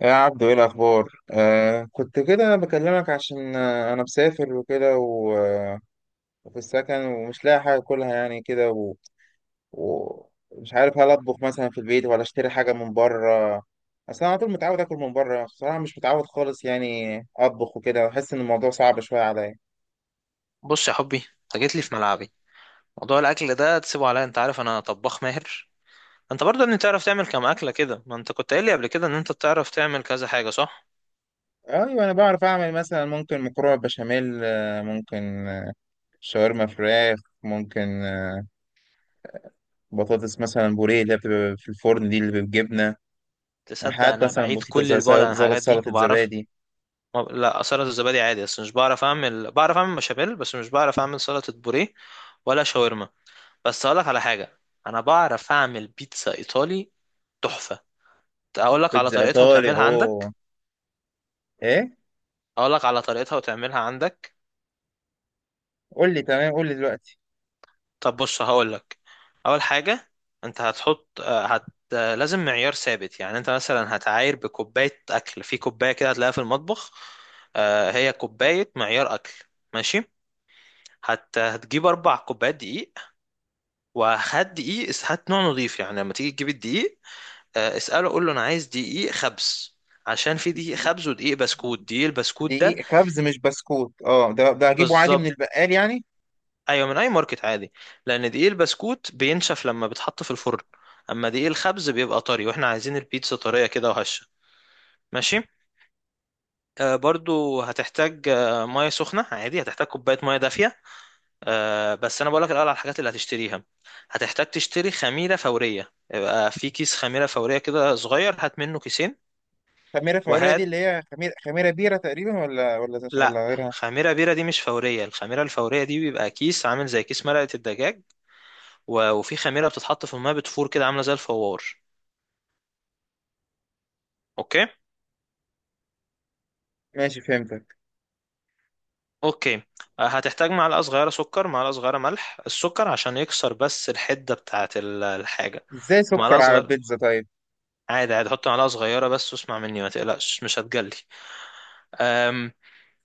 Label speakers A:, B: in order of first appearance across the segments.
A: يا عبدو، ايه الاخبار؟ كنت كده، انا بكلمك عشان انا مسافر وكده، وفي السكن ومش لاقي حاجه اكلها يعني كده، ومش عارف هل اطبخ مثلا في البيت ولا اشتري حاجه من بره. اصل انا على طول متعود اكل من بره، بصراحه مش متعود خالص يعني اطبخ وكده، بحس ان الموضوع صعب شويه عليا.
B: بص يا حبي، انت جيت لي في ملعبي. موضوع الاكل ده تسيبه عليا، انت عارف انا طباخ ماهر. انت برضه اني تعرف تعمل كام اكله كده، ما انت كنت قايل لي قبل كده ان انت بتعرف تعمل كذا حاجه صح؟
A: ايوه، انا بعرف اعمل مثلا، ممكن مكرونه بشاميل، ممكن شاورما فراخ، ممكن بطاطس مثلا بوريه اللي بتبقى في الفرن دي، اللي بالجبنه.
B: تصدق
A: حاجات
B: انا
A: مثلا
B: بعيد
A: بسيطة،
B: كل
A: زي
B: البعد
A: سل-
B: عن
A: زي
B: الحاجات دي،
A: سلطة
B: ما بعرف.
A: زبادي.
B: ما... لا، سلطه الزبادي عادي، بس مش بعرف اعمل، بعرف اعمل بشاميل بس مش بعرف اعمل سلطه بوريه ولا شاورما. بس اقول لك على حاجه، انا بعرف اعمل بيتزا ايطالي تحفه. اقول لك على
A: بيتزا
B: طريقتها
A: إيطالي!
B: وتعملها عندك.
A: أوه، إيه؟
B: اقول لك على طريقتها وتعملها عندك.
A: قول لي، تمام، قول لي دلوقتي.
B: طب بص هقول لك. اول حاجه، انت هتحط آه، هت آه، لازم معيار ثابت، يعني انت مثلا هتعاير بكوبايه اكل، في كوبايه كده هتلاقيها في المطبخ، هي كوبايه معيار اكل. ماشي. هتجيب 4 كوبايات دقيق، وهات دقيق اس- هات نوع نظيف، يعني لما تيجي تجيب الدقيق اساله قول له انا عايز دقيق خبز، عشان في دقيق خبز ودقيق بسكوت، دقيق البسكوت ده.
A: دقيق كبز مش بسكوت؟ أه، ده هجيبه عادي من
B: بالظبط،
A: البقال يعني.
B: ايوه من اي ماركت عادي. لان دقيق البسكوت بينشف لما بيتحط في الفرن، اما دقيق الخبز بيبقى طري، واحنا عايزين البيتزا طريه كده وهشه. ماشي. آه برضو هتحتاج آه ميه سخنه، عادي، هتحتاج كوبايه ميه دافيه. آه بس انا بقولك الاول على الحاجات اللي هتشتريها. هتحتاج تشتري خميره فوريه، يبقى في كيس خميره فوريه كده صغير، هات منه كيسين.
A: خميرة فورية دي
B: وهات
A: اللي هي خميرة بيرة تقريبا، ولا ولا
B: لا،
A: ولا غيرها؟
B: خميره بيره دي مش فوريه، الخميره الفوريه دي بيبقى كيس عامل زي كيس مرقه الدجاج، و- وفي خميره بتتحط في الميه بتفور كده عامله زي الفوار. اوكي.
A: ماشي، فهمتك.
B: اوكي. هتحتاج معلقه صغيره سكر، معلقه صغيره ملح. السكر عشان يكسر بس الحده بتاعه ال- الحاجه.
A: إزاي
B: ومعلقه
A: سكر على
B: صغيره،
A: البيتزا؟ طيب.
B: عادي عادي، حط معلقه صغيره بس واسمع مني، ما تقلقش، مش هتجلي. أم،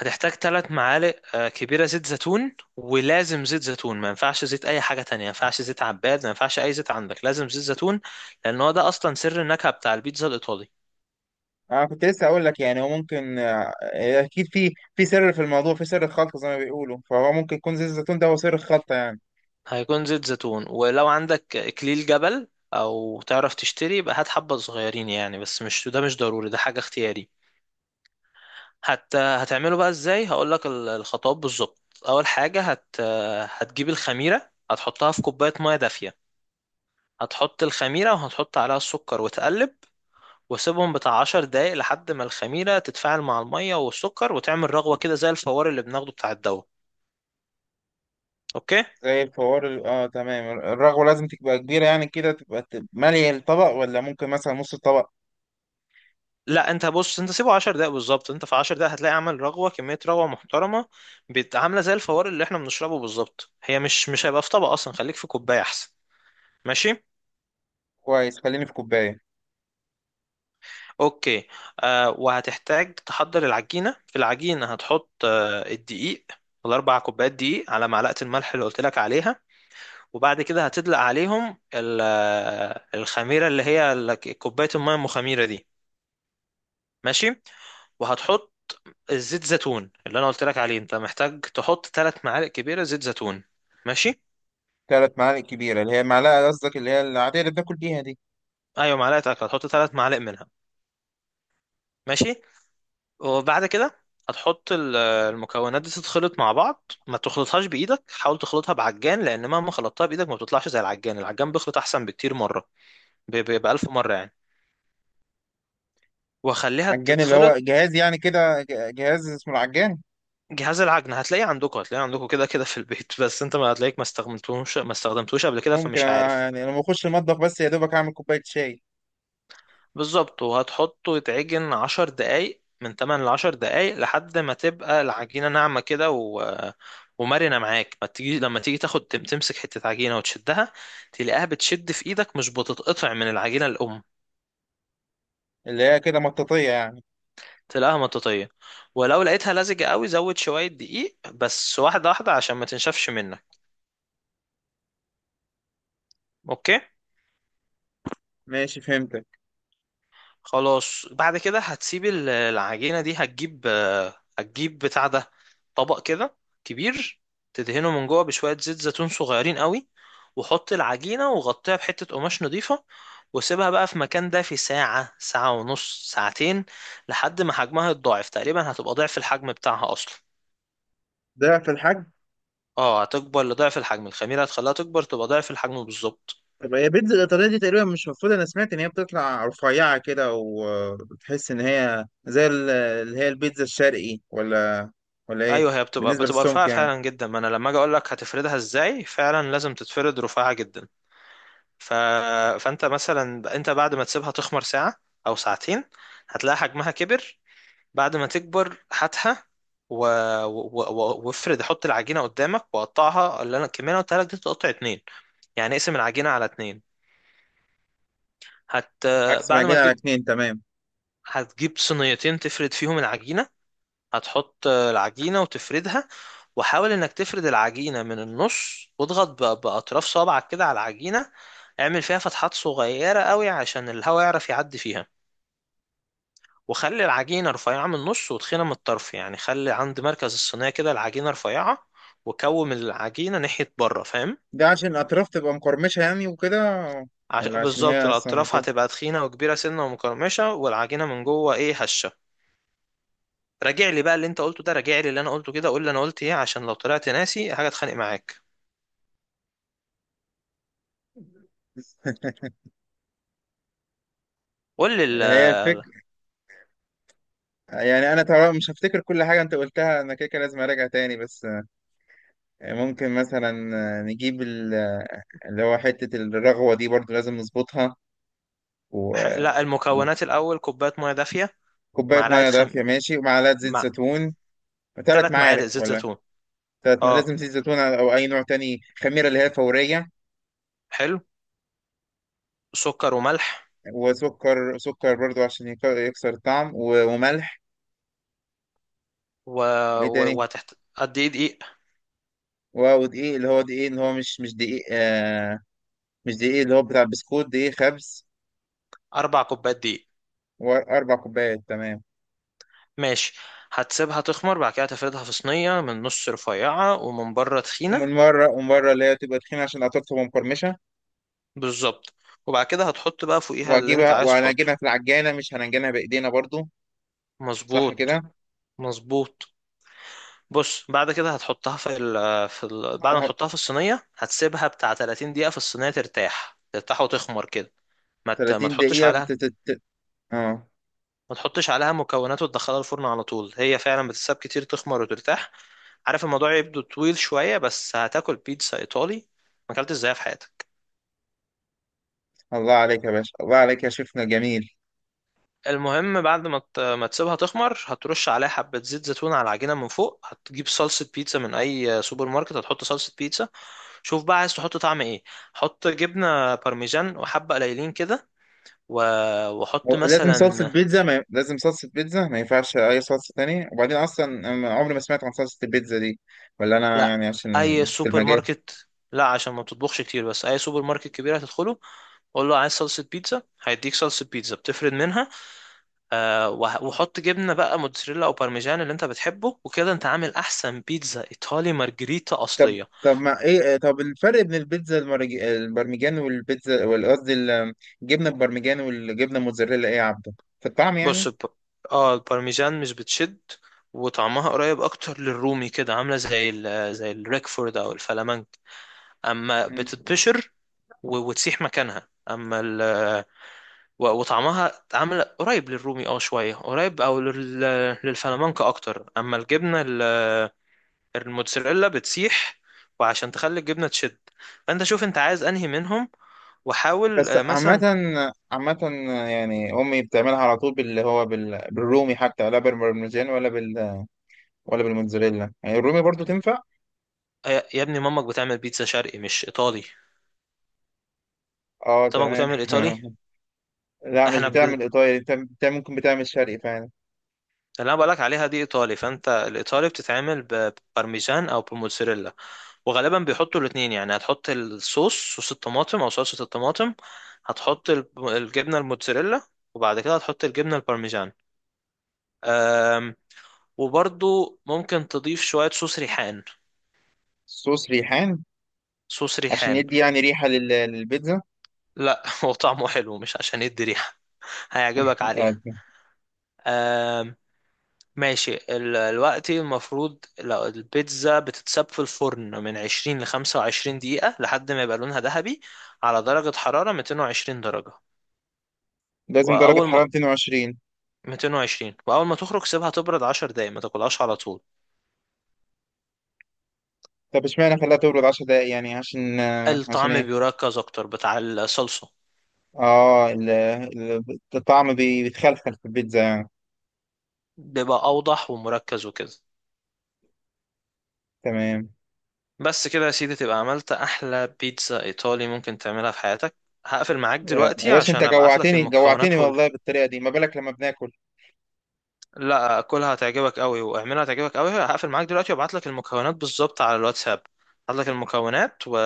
B: هتحتاج 3 معالق كبيره زيت زيتون، ولازم زيت زيتون، ما ينفعش زيت اي حاجه تانية، ما ينفعش زيت عباد، ما ينفعش اي زيت عندك، لازم زيت زيتون. لان هو ده اصلا سر النكهه بتاع البيتزا الايطالي.
A: أنا كنت لسه أقول لك يعني، هو ممكن، أكيد في سر في الموضوع، في سر الخلطة زي ما بيقولوا، فهو ممكن يكون زيت الزيتون ده هو سر الخلطة يعني.
B: هيكون زيت زيتون. ولو عندك اكليل جبل او تعرف تشتري، يبقى هات حبة صغيرين يعني، بس مش ده، مش ضروري، ده حاجة اختياري. حتى هتعمله بقى ازاي، هقولك ال- الخطوات بالظبط. اول حاجة هتجيب الخميرة، هتحطها في كوباية مية دافية. هتحط الخميرة وهتحط عليها السكر وتقلب، وسيبهم بتاع 10 دقايق لحد ما الخميرة تتفاعل مع المية والسكر وتعمل رغوة كده زي الفوار اللي بناخده بتاع الدواء. اوكي.
A: زي الفوار، اه، تمام. الرغوة لازم تبقى كبيرة يعني كده، تبقى مالية الطبق، ولا ممكن مثلا نص الطبق؟
B: لا انت بص، انت سيبه 10 دقايق بالظبط، انت في 10 دقايق هتلاقي عامل رغوه، كميه رغوه محترمه، عامله زي الفوار اللي احنا بنشربه بالظبط. هي مش، مش هيبقى في طبق اصلا، خليك في كوبايه احسن. ماشي.
A: كويس، خليني في كوباية.
B: اوكي. آه، وهتحتاج تحضر العجينه. في العجينه هتحط آه الدقيق، ال4 كوبايات دقيق، على معلقه الملح اللي قلت لك عليها، وبعد كده هتدلق عليهم ال- آه، الخميره اللي هي كوبايه الميه المخميره دي. ماشي. وهتحط الزيت زيتون اللي انا قلت لك عليه، انت محتاج تحط 3 معالق كبيره زيت زيتون. ماشي.
A: 3 معالق كبيرة اللي هي معلقة، قصدك اللي هي العادية اللي بناكل بيها دي؟
B: ايوه، معلقه اكل، هتحط 3 معالق منها. ماشي. وبعد كده هتحط ال- المكونات دي تتخلط مع بعض. ما تخلطهاش بايدك، حاول تخلطها بعجان، لان مهما خلطتها بايدك ما بتطلعش زي العجان، العجان بيخلط احسن بكتير مره، ب ب- بألف مره يعني. واخليها
A: عجان اللي هو
B: تتخلط.
A: جهاز، يعني كده جهاز اسمه العجان؟
B: جهاز العجن هتلاقيه عندكم، هتلاقيه عندكم كده كده في البيت بس انت ما هتلاقيك، ما استخدمتوش قبل كده،
A: ممكن
B: فمش
A: انا
B: عارف.
A: يعني لما اخش المطبخ بس يا دوبك اعمل كوباية شاي.
B: بالظبط، وهتحطه يتعجن 10 دقايق، من 8 لعشر دقايق لحد ما تبقى العجينة ناعمة كده و... ومرنة معاك. ما تيجي لما تيجي تمسك حتة عجينة وتشدها، تلاقيها بتشد في ايدك مش بتتقطع من العجينة الأم.
A: اللي هي كده مطاطية يعني؟
B: تلاقيها مطاطية. ولو لقيتها لزجة قوي، زود شوية دقيق بس، واحدة واحدة، عشان ما تنشفش منك. اوكي.
A: ماشي، فهمتك.
B: خلاص بعد كده هتسيب ال- العجينة دي، هتجيب هتجيب بتاع ده، طبق كده كبير، تدهنه من جوه بشوية زيت زيتون صغيرين قوي، وحط العجينة وغطيها بحتة قماش نضيفة، وسيبها بقى في مكان دافي ساعة، ساعة ونص، ساعتين، لحد ما حجمها يتضاعف تقريبا، هتبقى ضعف الحجم بتاعها أصلا.
A: ده في الحجم؟
B: اه هتكبر لضعف الحجم، الخميرة هتخليها تكبر، تبقى ضعف الحجم بالظبط.
A: طب هي بيتزا الإيطالية دي تقريبا، مش المفروض؟ أنا سمعت إن هي بتطلع رفيعة كده، وبتحس إن هي زي اللي هي البيتزا الشرقي، ولا إيه؟
B: ايوه، هي بتبقى
A: بالنسبة
B: بتبقى
A: للسمك
B: رفيعة
A: يعني؟
B: فعلا جدا، ما انا لما اجي اقول لك هتفردها ازاي فعلا لازم تتفرد رفيعة جدا. ف... فانت مثلا، انت بعد ما تسيبها تخمر ساعة او ساعتين، هتلاقي حجمها كبر. بعد ما تكبر هاتها و... و... و... وافرد، حط العجينة قدامك وقطعها، اللي انا الكمية اللي أنا قلتها لك دي تقطع اتنين، يعني اقسم العجينة على اتنين. هت
A: عكس ما
B: بعد ما
A: جينا على
B: تجيب،
A: اتنين، تمام.
B: هتجيب صينيتين تفرد فيهم العجينة. هتحط العجينة وتفردها، وحاول انك تفرد العجينة من النص، واضغط ب- بأطراف صابعك كده على العجينة، اعمل فيها فتحات صغيرة قوي عشان الهواء يعرف يعدي فيها. وخلي العجينة رفيعة من النص وتخينة من الطرف، يعني خلي عند مركز الصينية كده العجينة رفيعة، وكوم العجينة ناحية بره، فاهم؟
A: ده عشان الأطراف تبقى مقرمشة يعني وكده؟ ولا عشان
B: بالظبط،
A: هي أصلا
B: الأطراف
A: كده؟
B: هتبقى تخينة وكبيرة سنة ومقرمشة، والعجينة من جوه إيه، هشة. راجع لي بقى اللي أنت قلته ده، راجع لي اللي أنا قلته كده، قول لي أنا قلت إيه، عشان لو طلعت ناسي حاجة أتخانق معاك. قول لي
A: هي الفكرة، يعني أنا طبعا مش هفتكر كل حاجة أنت قلتها، أنا كده كده لازم أراجع تاني، بس ممكن مثلا نجيب اللي هو حتة الرغوة دي برضو لازم نظبطها.
B: لا، المكونات الأول كوباية مية دافية،
A: كوبايه
B: معلقة
A: ميه دافيه،
B: خم
A: ماشي، ومعلقه زيت
B: مع
A: زيتون. 3
B: تلات
A: معالق
B: معالق زيت
A: ولا؟
B: زيتون.
A: 3،
B: اه
A: لازم زيت زيتون او اي نوع تاني، خميره اللي هي فوريه.
B: حلو. سكر وملح
A: وسكر، سكر برضو عشان يكسر الطعم، وملح.
B: و...
A: وايه تاني؟
B: قد ايه دقيق؟
A: ودقيق، اللي هو دقيق، اللي هو مش دقيق، مش دقيق اللي هو بتاع البسكوت، دقيق خبز.
B: 4 كوبايات دقيق.
A: و4 كوبايات، تمام.
B: ماشي. هتسيبها تخمر، بعد كده هتفردها في صينية، من نص رفيعة ومن بره
A: ومن
B: تخينة.
A: مره ومن مره اللي هي تبقى تخينه عشان قطعتها تبقى مقرمشه.
B: بالظبط. وبعد كده هتحط بقى فوقيها اللي انت
A: وهجيبها
B: عايز تحطه.
A: وهنعجنها في العجانه، مش هنعجنها بايدينا برضو، صح
B: مظبوط.
A: كده؟
B: مظبوط. بص بعد كده هتحطها في ال في ال بعد ما تحطها في الصينية، هتسيبها بتاع 30 دقيقة في الصينية ترتاح، ترتاح وتخمر كده، ما ت- ما
A: 30
B: تحطش
A: دقيقه
B: عليها
A: اه.
B: ما تحطش عليها مكونات وتدخلها الفرن على طول. هي فعلا بتتساب كتير تخمر وترتاح. عارف الموضوع يبدو طويل شوية، بس هتاكل بيتزا إيطالي ما اكلتش ازاي في حياتك.
A: الله عليك يا باشا، الله عليك يا شيفنا جميل!
B: المهم بعد ما تسيبها تخمر، هترش عليها حبة زيت زيتون على العجينة من فوق، هتجيب صلصة بيتزا من أي سوبر ماركت، هتحط صلصة بيتزا. شوف بقى عايز تحط طعم إيه. حط جبنة بارميجان وحبة قليلين كده، و- وحط مثلا.
A: لازم صلصة بيتزا، ما ينفعش أي صلصة تانية؟ وبعدين أصلا أنا عمري ما سمعت عن صلصة البيتزا دي، ولا أنا
B: لأ،
A: يعني عشان
B: أي
A: مش في
B: سوبر
A: المجال؟
B: ماركت، لأ عشان ما بتطبخش كتير، بس أي سوبر ماركت كبير هتدخله، قول له عايز صلصة بيتزا، هيديك صلصة بيتزا بتفرد منها. آه، وه- وحط جبنة بقى موتزاريلا أو بارميجان اللي أنت بتحبه، وكده أنت عامل أحسن بيتزا إيطالي مارجريتا
A: طب
B: أصلية.
A: طب ما إيه طب الفرق بين البيتزا البرمجان قصدي الجبنة البرمجان والجبنة الموتزاريلا، إيه يا عبده؟ في الطعم
B: بص
A: يعني؟
B: الب... اه، البارميزان مش بتشد، وطعمها قريب اكتر للرومي كده، عامله زي الريكفورد او الفلامنك. اما
A: مم.
B: بتتبشر و... وتسيح مكانها. اما ال... و... وطعمها عامله قريب للرومي، اه شويه قريب، او لل... للفلامنك اكتر. اما الجبنه ال... الموتزاريلا بتسيح. وعشان تخلي الجبنه تشد، فانت شوف انت عايز انهي منهم. وحاول
A: بس، عامة،
B: مثلا
A: عامة يعني أمي بتعملها على طول بالرومي، حتى لا بالبرمجان ولا ولا بالموتزاريلا، يعني الرومي برضو تنفع؟
B: يا ابني، مامك بتعمل بيتزا شرقي مش ايطالي.
A: اه،
B: انت مامك بتعمل ايطالي؟
A: تمام. لا، مش
B: احنا ب-
A: بتعمل ايطالي، انت ممكن بتعمل شرقي فعلا.
B: اللي انا بقولك عليها دي ايطالي، فانت الايطالي بتتعمل ببارميجان او بموتزاريلا، وغالبا بيحطوا الاتنين. يعني هتحط الصوص، صوص الطماطم او صلصة الطماطم، هتحط الب- الجبنة الموتزاريلا، وبعد كده هتحط الجبنة البارميجان. أم، وبرضو ممكن تضيف شوية صوص ريحان.
A: صوص ريحان؟
B: صوص
A: عشان
B: ريحان.
A: يدي يعني ريحة للبيتزا؟
B: لا هو طعمه حلو، مش عشان يدي ريحة. هيعجبك
A: آه،
B: عليها. آمم، ماشي. ال- الوقت المفروض لو البيتزا بتتساب في الفرن من 20 ل 25 دقيقة لحد ما يبقى لونها ذهبي، على درجة حرارة 220 درجة.
A: لازم درجة
B: وأول ما
A: حرارة 220؟
B: 220، وأول ما تخرج سيبها تبرد 10 دقايق، ما تاكلهاش على طول.
A: طب، اشمعنى خلاها تبرد 10 دقايق؟ يعني عشان، عشان
B: الطعم
A: ايه؟
B: بيركز أكتر بتاع الصلصة،
A: اه، الطعم بيتخلخل في البيتزا يعني؟
B: بيبقى أوضح ومركز وكده.
A: تمام.
B: بس كده يا سيدي تبقى عملت أحلى بيتزا إيطالي ممكن تعملها في حياتك. هقفل معاك
A: يا
B: دلوقتي
A: باشا، انت
B: عشان أبعتلك
A: جوعتني،
B: المكونات.
A: جوعتني والله، بالطريقة دي ما بالك لما بناكل!
B: لا، كلها هتعجبك قوي، واعملها هتعجبك قوي. هقفل معاك دلوقتي وابعت لك المكونات بالظبط على الواتساب. هبعت لك المكونات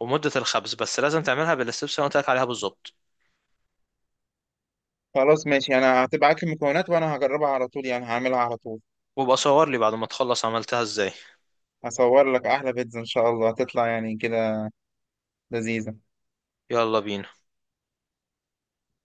B: ومدة الخبز، بس لازم تعملها بالستبس اللي أنا قلت لك عليها بالظبط.
A: خلاص، ماشي، انا هتبعت لي المكونات، وانا هجربها على طول، يعني هعملها على طول.
B: وابقى صور لي بعد ما تخلص عملتها ازاي.
A: هصور لك احلى بيتزا ان شاء الله، هتطلع يعني كده لذيذة.
B: يلا بينا.